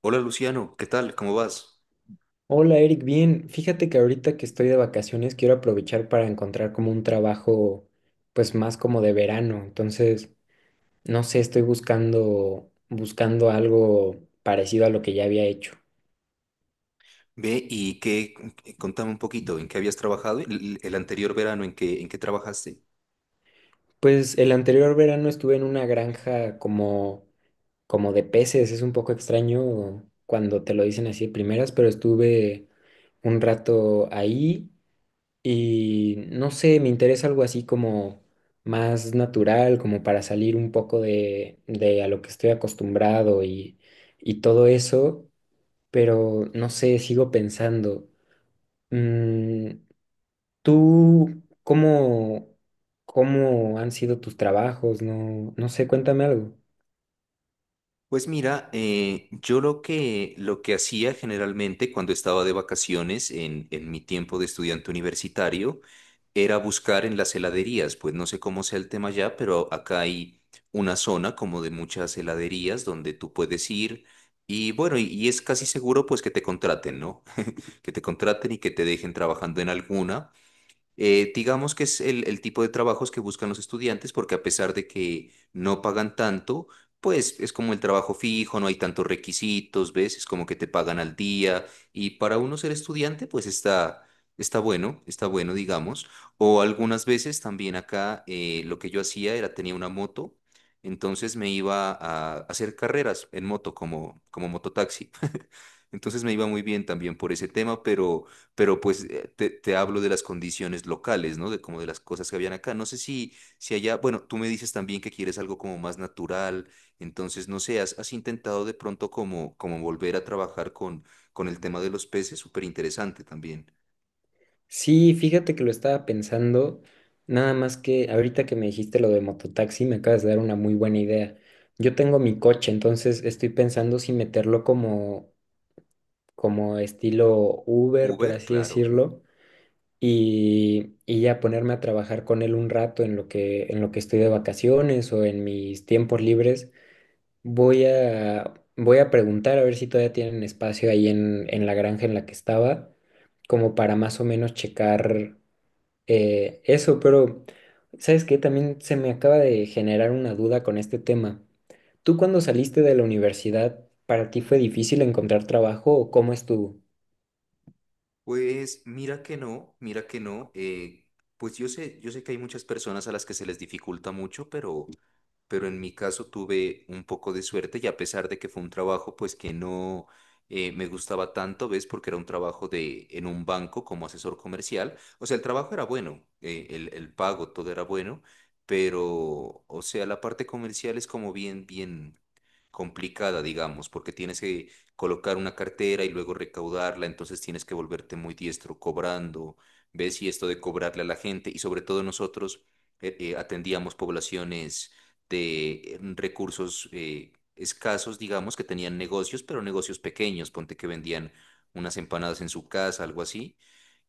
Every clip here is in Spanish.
Hola Luciano, ¿qué tal? ¿Cómo vas? Hola Eric, bien. Fíjate que ahorita que estoy de vacaciones quiero aprovechar para encontrar como un trabajo pues más como de verano. Entonces, no sé, estoy buscando algo parecido a lo que ya había hecho. Ve y qué, contame un poquito, ¿en qué habías trabajado el anterior verano? En qué trabajaste? Pues el anterior verano estuve en una granja como de peces, es un poco extraño cuando te lo dicen así de primeras, pero estuve un rato ahí. Y no sé, me interesa algo así como más natural, como para salir un poco de a lo que estoy acostumbrado, y todo eso, pero no sé, sigo pensando. Mm, ¿tú cómo han sido tus trabajos? No, no sé, cuéntame algo. Pues mira, yo lo que hacía generalmente cuando estaba de vacaciones en mi tiempo de estudiante universitario era buscar en las heladerías, pues no sé cómo sea el tema ya, pero acá hay una zona como de muchas heladerías donde tú puedes ir y bueno, y es casi seguro pues que te contraten, ¿no? Que te contraten y que te dejen trabajando en alguna. Digamos que es el tipo de trabajos que buscan los estudiantes porque a pesar de que no pagan tanto, pues es como el trabajo fijo, no hay tantos requisitos, ¿ves? Es como que te pagan al día y para uno ser estudiante, pues está, está bueno, digamos. O algunas veces también acá lo que yo hacía era tenía una moto, entonces me iba a hacer carreras en moto como, como mototaxi. Entonces me iba muy bien también por ese tema, pero pues te, te hablo de las condiciones locales, ¿no? De como de las cosas que habían acá. No sé si, si allá, bueno, tú me dices también que quieres algo como más natural, entonces no sé, has, has intentado de pronto como, como volver a trabajar con el tema de los peces, súper interesante también. Sí, fíjate que lo estaba pensando, nada más que ahorita que me dijiste lo de mototaxi, me acabas de dar una muy buena idea. Yo tengo mi coche, entonces estoy pensando si como estilo Uber, por Uber, así claro. decirlo, y ya ponerme a trabajar con él un rato en lo que estoy de vacaciones o en mis tiempos libres. Voy a preguntar a ver si todavía tienen espacio en la granja en la que estaba, como para más o menos checar. Eso, pero ¿sabes qué? También se me acaba de generar una duda con este tema. ¿Tú cuando saliste de la universidad, para ti fue difícil encontrar trabajo o cómo estuvo? Pues mira que no, mira que no. Pues yo sé que hay muchas personas a las que se les dificulta mucho, pero en mi caso tuve un poco de suerte y a pesar de que fue un trabajo, pues que no me gustaba tanto, ¿ves? Porque era un trabajo de en un banco como asesor comercial. O sea, el trabajo era bueno, el pago, todo era bueno, pero, o sea, la parte comercial es como bien, bien complicada, digamos, porque tienes que colocar una cartera y luego recaudarla, entonces tienes que volverte muy diestro cobrando, ves y esto de cobrarle a la gente y sobre todo nosotros atendíamos poblaciones de recursos escasos, digamos, que tenían negocios, pero negocios pequeños, ponte que vendían unas empanadas en su casa, algo así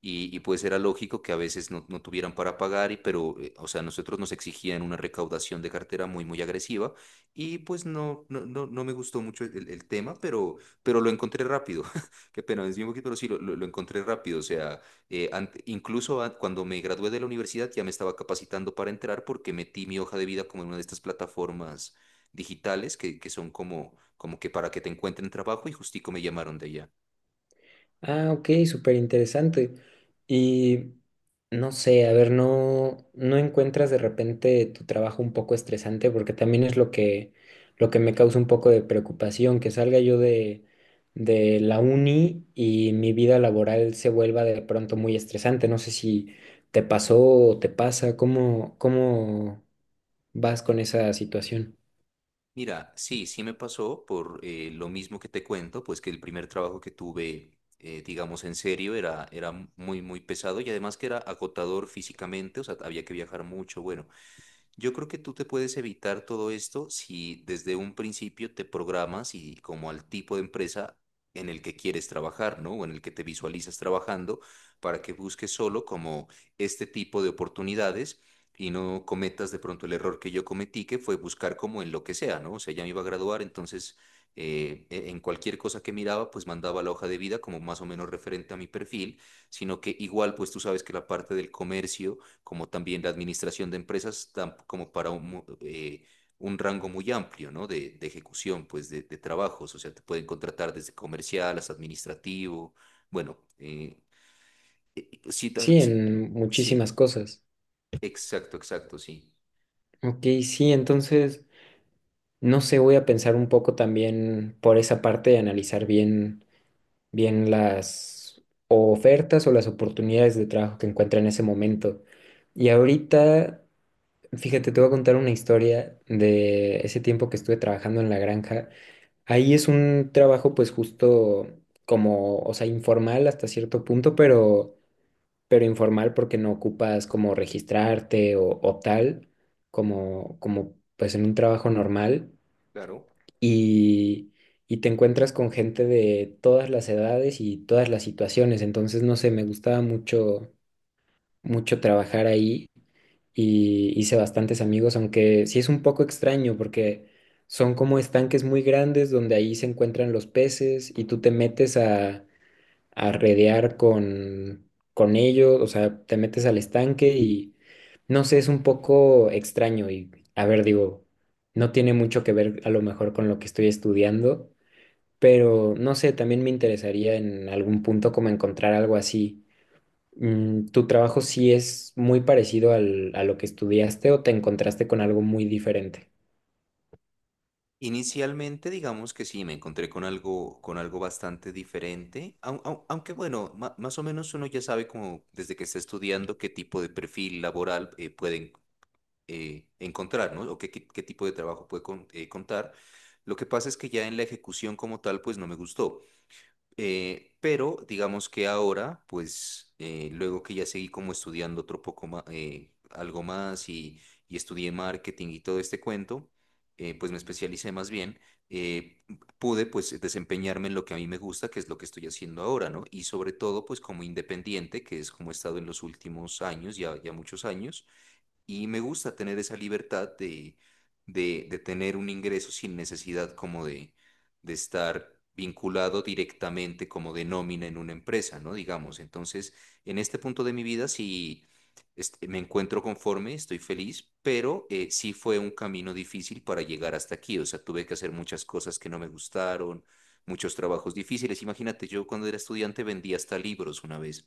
y pues era lógico que a veces no, no tuvieran para pagar, y, pero, o sea, nosotros nos exigían una recaudación de cartera muy, muy agresiva y pues no, no, no, no me gustó mucho el tema, pero lo encontré rápido. Qué pena, es un poquito, pero sí, lo encontré rápido. O sea, incluso cuando me gradué de la universidad ya me estaba capacitando para entrar porque metí mi hoja de vida como en una de estas plataformas digitales que son como, como que para que te encuentren trabajo y justico me llamaron de allá. Ah, ok, súper interesante. Y no sé, a ver, ¿no, no encuentras de repente tu trabajo un poco estresante? Porque también es lo lo que me causa un poco de preocupación, que salga yo de la uni y mi vida laboral se vuelva de pronto muy estresante. No sé si te pasó o te pasa, cómo vas con esa situación? Mira, sí, sí me pasó por lo mismo que te cuento, pues que el primer trabajo que tuve, digamos en serio, era, era muy, muy pesado y además que era agotador físicamente, o sea, había que viajar mucho, bueno. Yo creo que tú te puedes evitar todo esto si desde un principio te programas y como al tipo de empresa en el que quieres trabajar, ¿no? O en el que te visualizas trabajando, para que busques solo como este tipo de oportunidades y no cometas de pronto el error que yo cometí, que fue buscar como en lo que sea, ¿no? O sea, ya me iba a graduar, entonces en cualquier cosa que miraba, pues mandaba la hoja de vida como más o menos referente a mi perfil, sino que igual, pues tú sabes que la parte del comercio como también la administración de empresas, como para un, un rango muy amplio, ¿no? De ejecución, pues, de trabajos. O sea, te pueden contratar desde comercial hasta administrativo. Bueno, sí, Sí, sí, en muchísimas sí, cosas. exacto, exacto, sí. Ok, sí, entonces... No sé, voy a pensar un poco también por esa parte de analizar bien las ofertas o las oportunidades de trabajo que encuentra en ese momento. Y ahorita, fíjate, te voy a contar una historia de ese tiempo que estuve trabajando en la granja. Ahí es un trabajo pues justo como, o sea, informal hasta cierto punto, pero informal porque no ocupas como registrarte o tal, como, como pues en un trabajo normal Claro. y, y te encuentras con gente de todas las edades y todas las situaciones. Entonces, no sé, me gustaba mucho trabajar ahí y hice bastantes amigos, aunque sí es un poco extraño porque son como estanques muy grandes donde ahí se encuentran los peces y tú te metes a redear con ellos, o sea, te metes al estanque y no sé, es un poco extraño y, a ver, digo, no tiene mucho que ver a lo mejor con lo que estoy estudiando, pero no sé, también me interesaría en algún punto como encontrar algo así. Mm, ¿tu trabajo sí es muy parecido a lo que estudiaste o te encontraste con algo muy diferente? Inicialmente, digamos que sí, me encontré con algo bastante diferente, aunque bueno, más o menos uno ya sabe como desde que está estudiando qué tipo de perfil laboral puede encontrar, ¿no? O qué, qué tipo de trabajo puede contar. Lo que pasa es que ya en la ejecución como tal, pues no me gustó. Pero digamos que ahora, pues luego que ya seguí como estudiando otro poco más, algo más y estudié marketing y todo este cuento, pues me especialicé más bien, eh, pude pues desempeñarme en lo que a mí me gusta, que es lo que estoy haciendo ahora, ¿no? Y sobre todo pues como independiente, que es como he estado en los últimos años, ya, ya muchos años y me gusta tener esa libertad de tener un ingreso sin necesidad como de estar vinculado directamente como de nómina en una empresa, ¿no? Digamos, entonces, en este punto de mi vida sí este, me encuentro conforme, estoy feliz, pero sí fue un camino difícil para llegar hasta aquí, o sea, tuve que hacer muchas cosas que no me gustaron, muchos trabajos difíciles. Imagínate, yo cuando era estudiante vendía hasta libros una vez.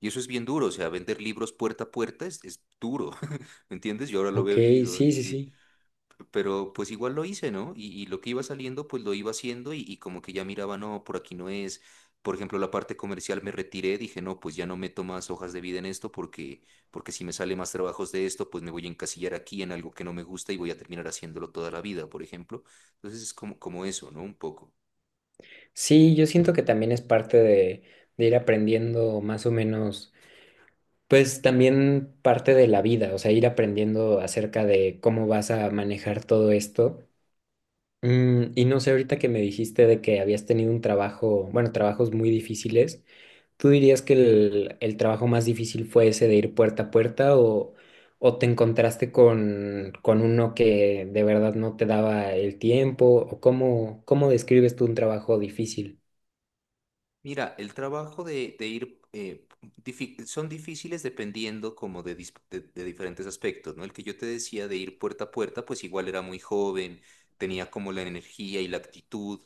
Y eso es bien duro, o sea, vender libros puerta a puerta es duro, ¿me entiendes? Yo ahora lo Ok, veo y digo, sí, sí, sí, sí. pero pues igual lo hice, ¿no? Y lo que iba saliendo, pues lo iba haciendo y como que ya miraba, no, por aquí no es. Por ejemplo, la parte comercial me retiré, dije, no, pues ya no meto más hojas de vida en esto porque, porque si me sale más trabajos de esto, pues me voy a encasillar aquí en algo que no me gusta y voy a terminar haciéndolo toda la vida, por ejemplo. Entonces es como, como eso, ¿no? Un poco. Sí, yo siento que también es parte de ir aprendiendo más o menos, pues también parte de la vida, o sea, ir aprendiendo acerca de cómo vas a manejar todo esto. Mm, y no sé, ahorita que me dijiste de que habías tenido un trabajo, bueno, trabajos muy difíciles. ¿Tú dirías que el trabajo más difícil fue ese de ir puerta a puerta o te encontraste con uno que de verdad no te daba el tiempo? ¿O cómo describes tú un trabajo difícil? Mira, el trabajo de ir son difíciles dependiendo como de, de diferentes aspectos, ¿no? El que yo te decía de ir puerta a puerta, pues igual era muy joven, tenía como la energía y la actitud,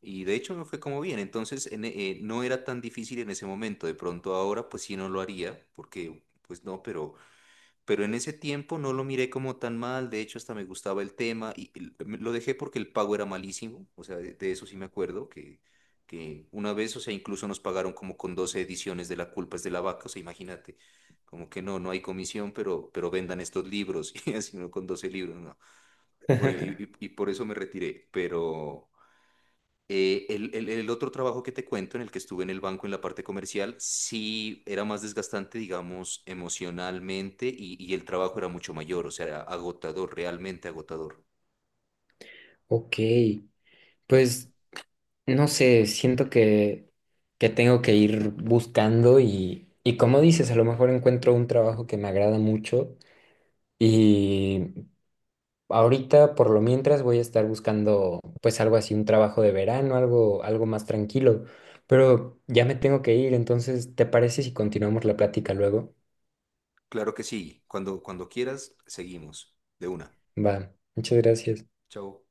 y de hecho me fue como bien, entonces en no era tan difícil en ese momento, de pronto ahora pues sí no lo haría, porque pues no, pero en ese tiempo no lo miré como tan mal, de hecho hasta me gustaba el tema y lo dejé porque el pago era malísimo, o sea, de eso sí me acuerdo, que una vez, o sea, incluso nos pagaron como con 12 ediciones de La culpa es de la vaca, o sea, imagínate, como que no, no hay comisión, pero vendan estos libros, y así no con 12 libros, no. Bueno, y, y por eso me retiré, pero... el otro trabajo que te cuento, en el que estuve en el banco en la parte comercial, sí era más desgastante, digamos, emocionalmente y el trabajo era mucho mayor, o sea, era agotador, realmente agotador. Ok, pues no sé, siento que tengo que ir buscando y como dices, a lo mejor encuentro un trabajo que me agrada mucho. Ahorita, por lo mientras, voy a estar buscando pues algo así, un trabajo de verano, algo, algo más tranquilo. Pero ya me tengo que ir, entonces, ¿te parece si continuamos la plática luego? Claro que sí, cuando, cuando quieras, seguimos. De una. Va, muchas gracias. Chao.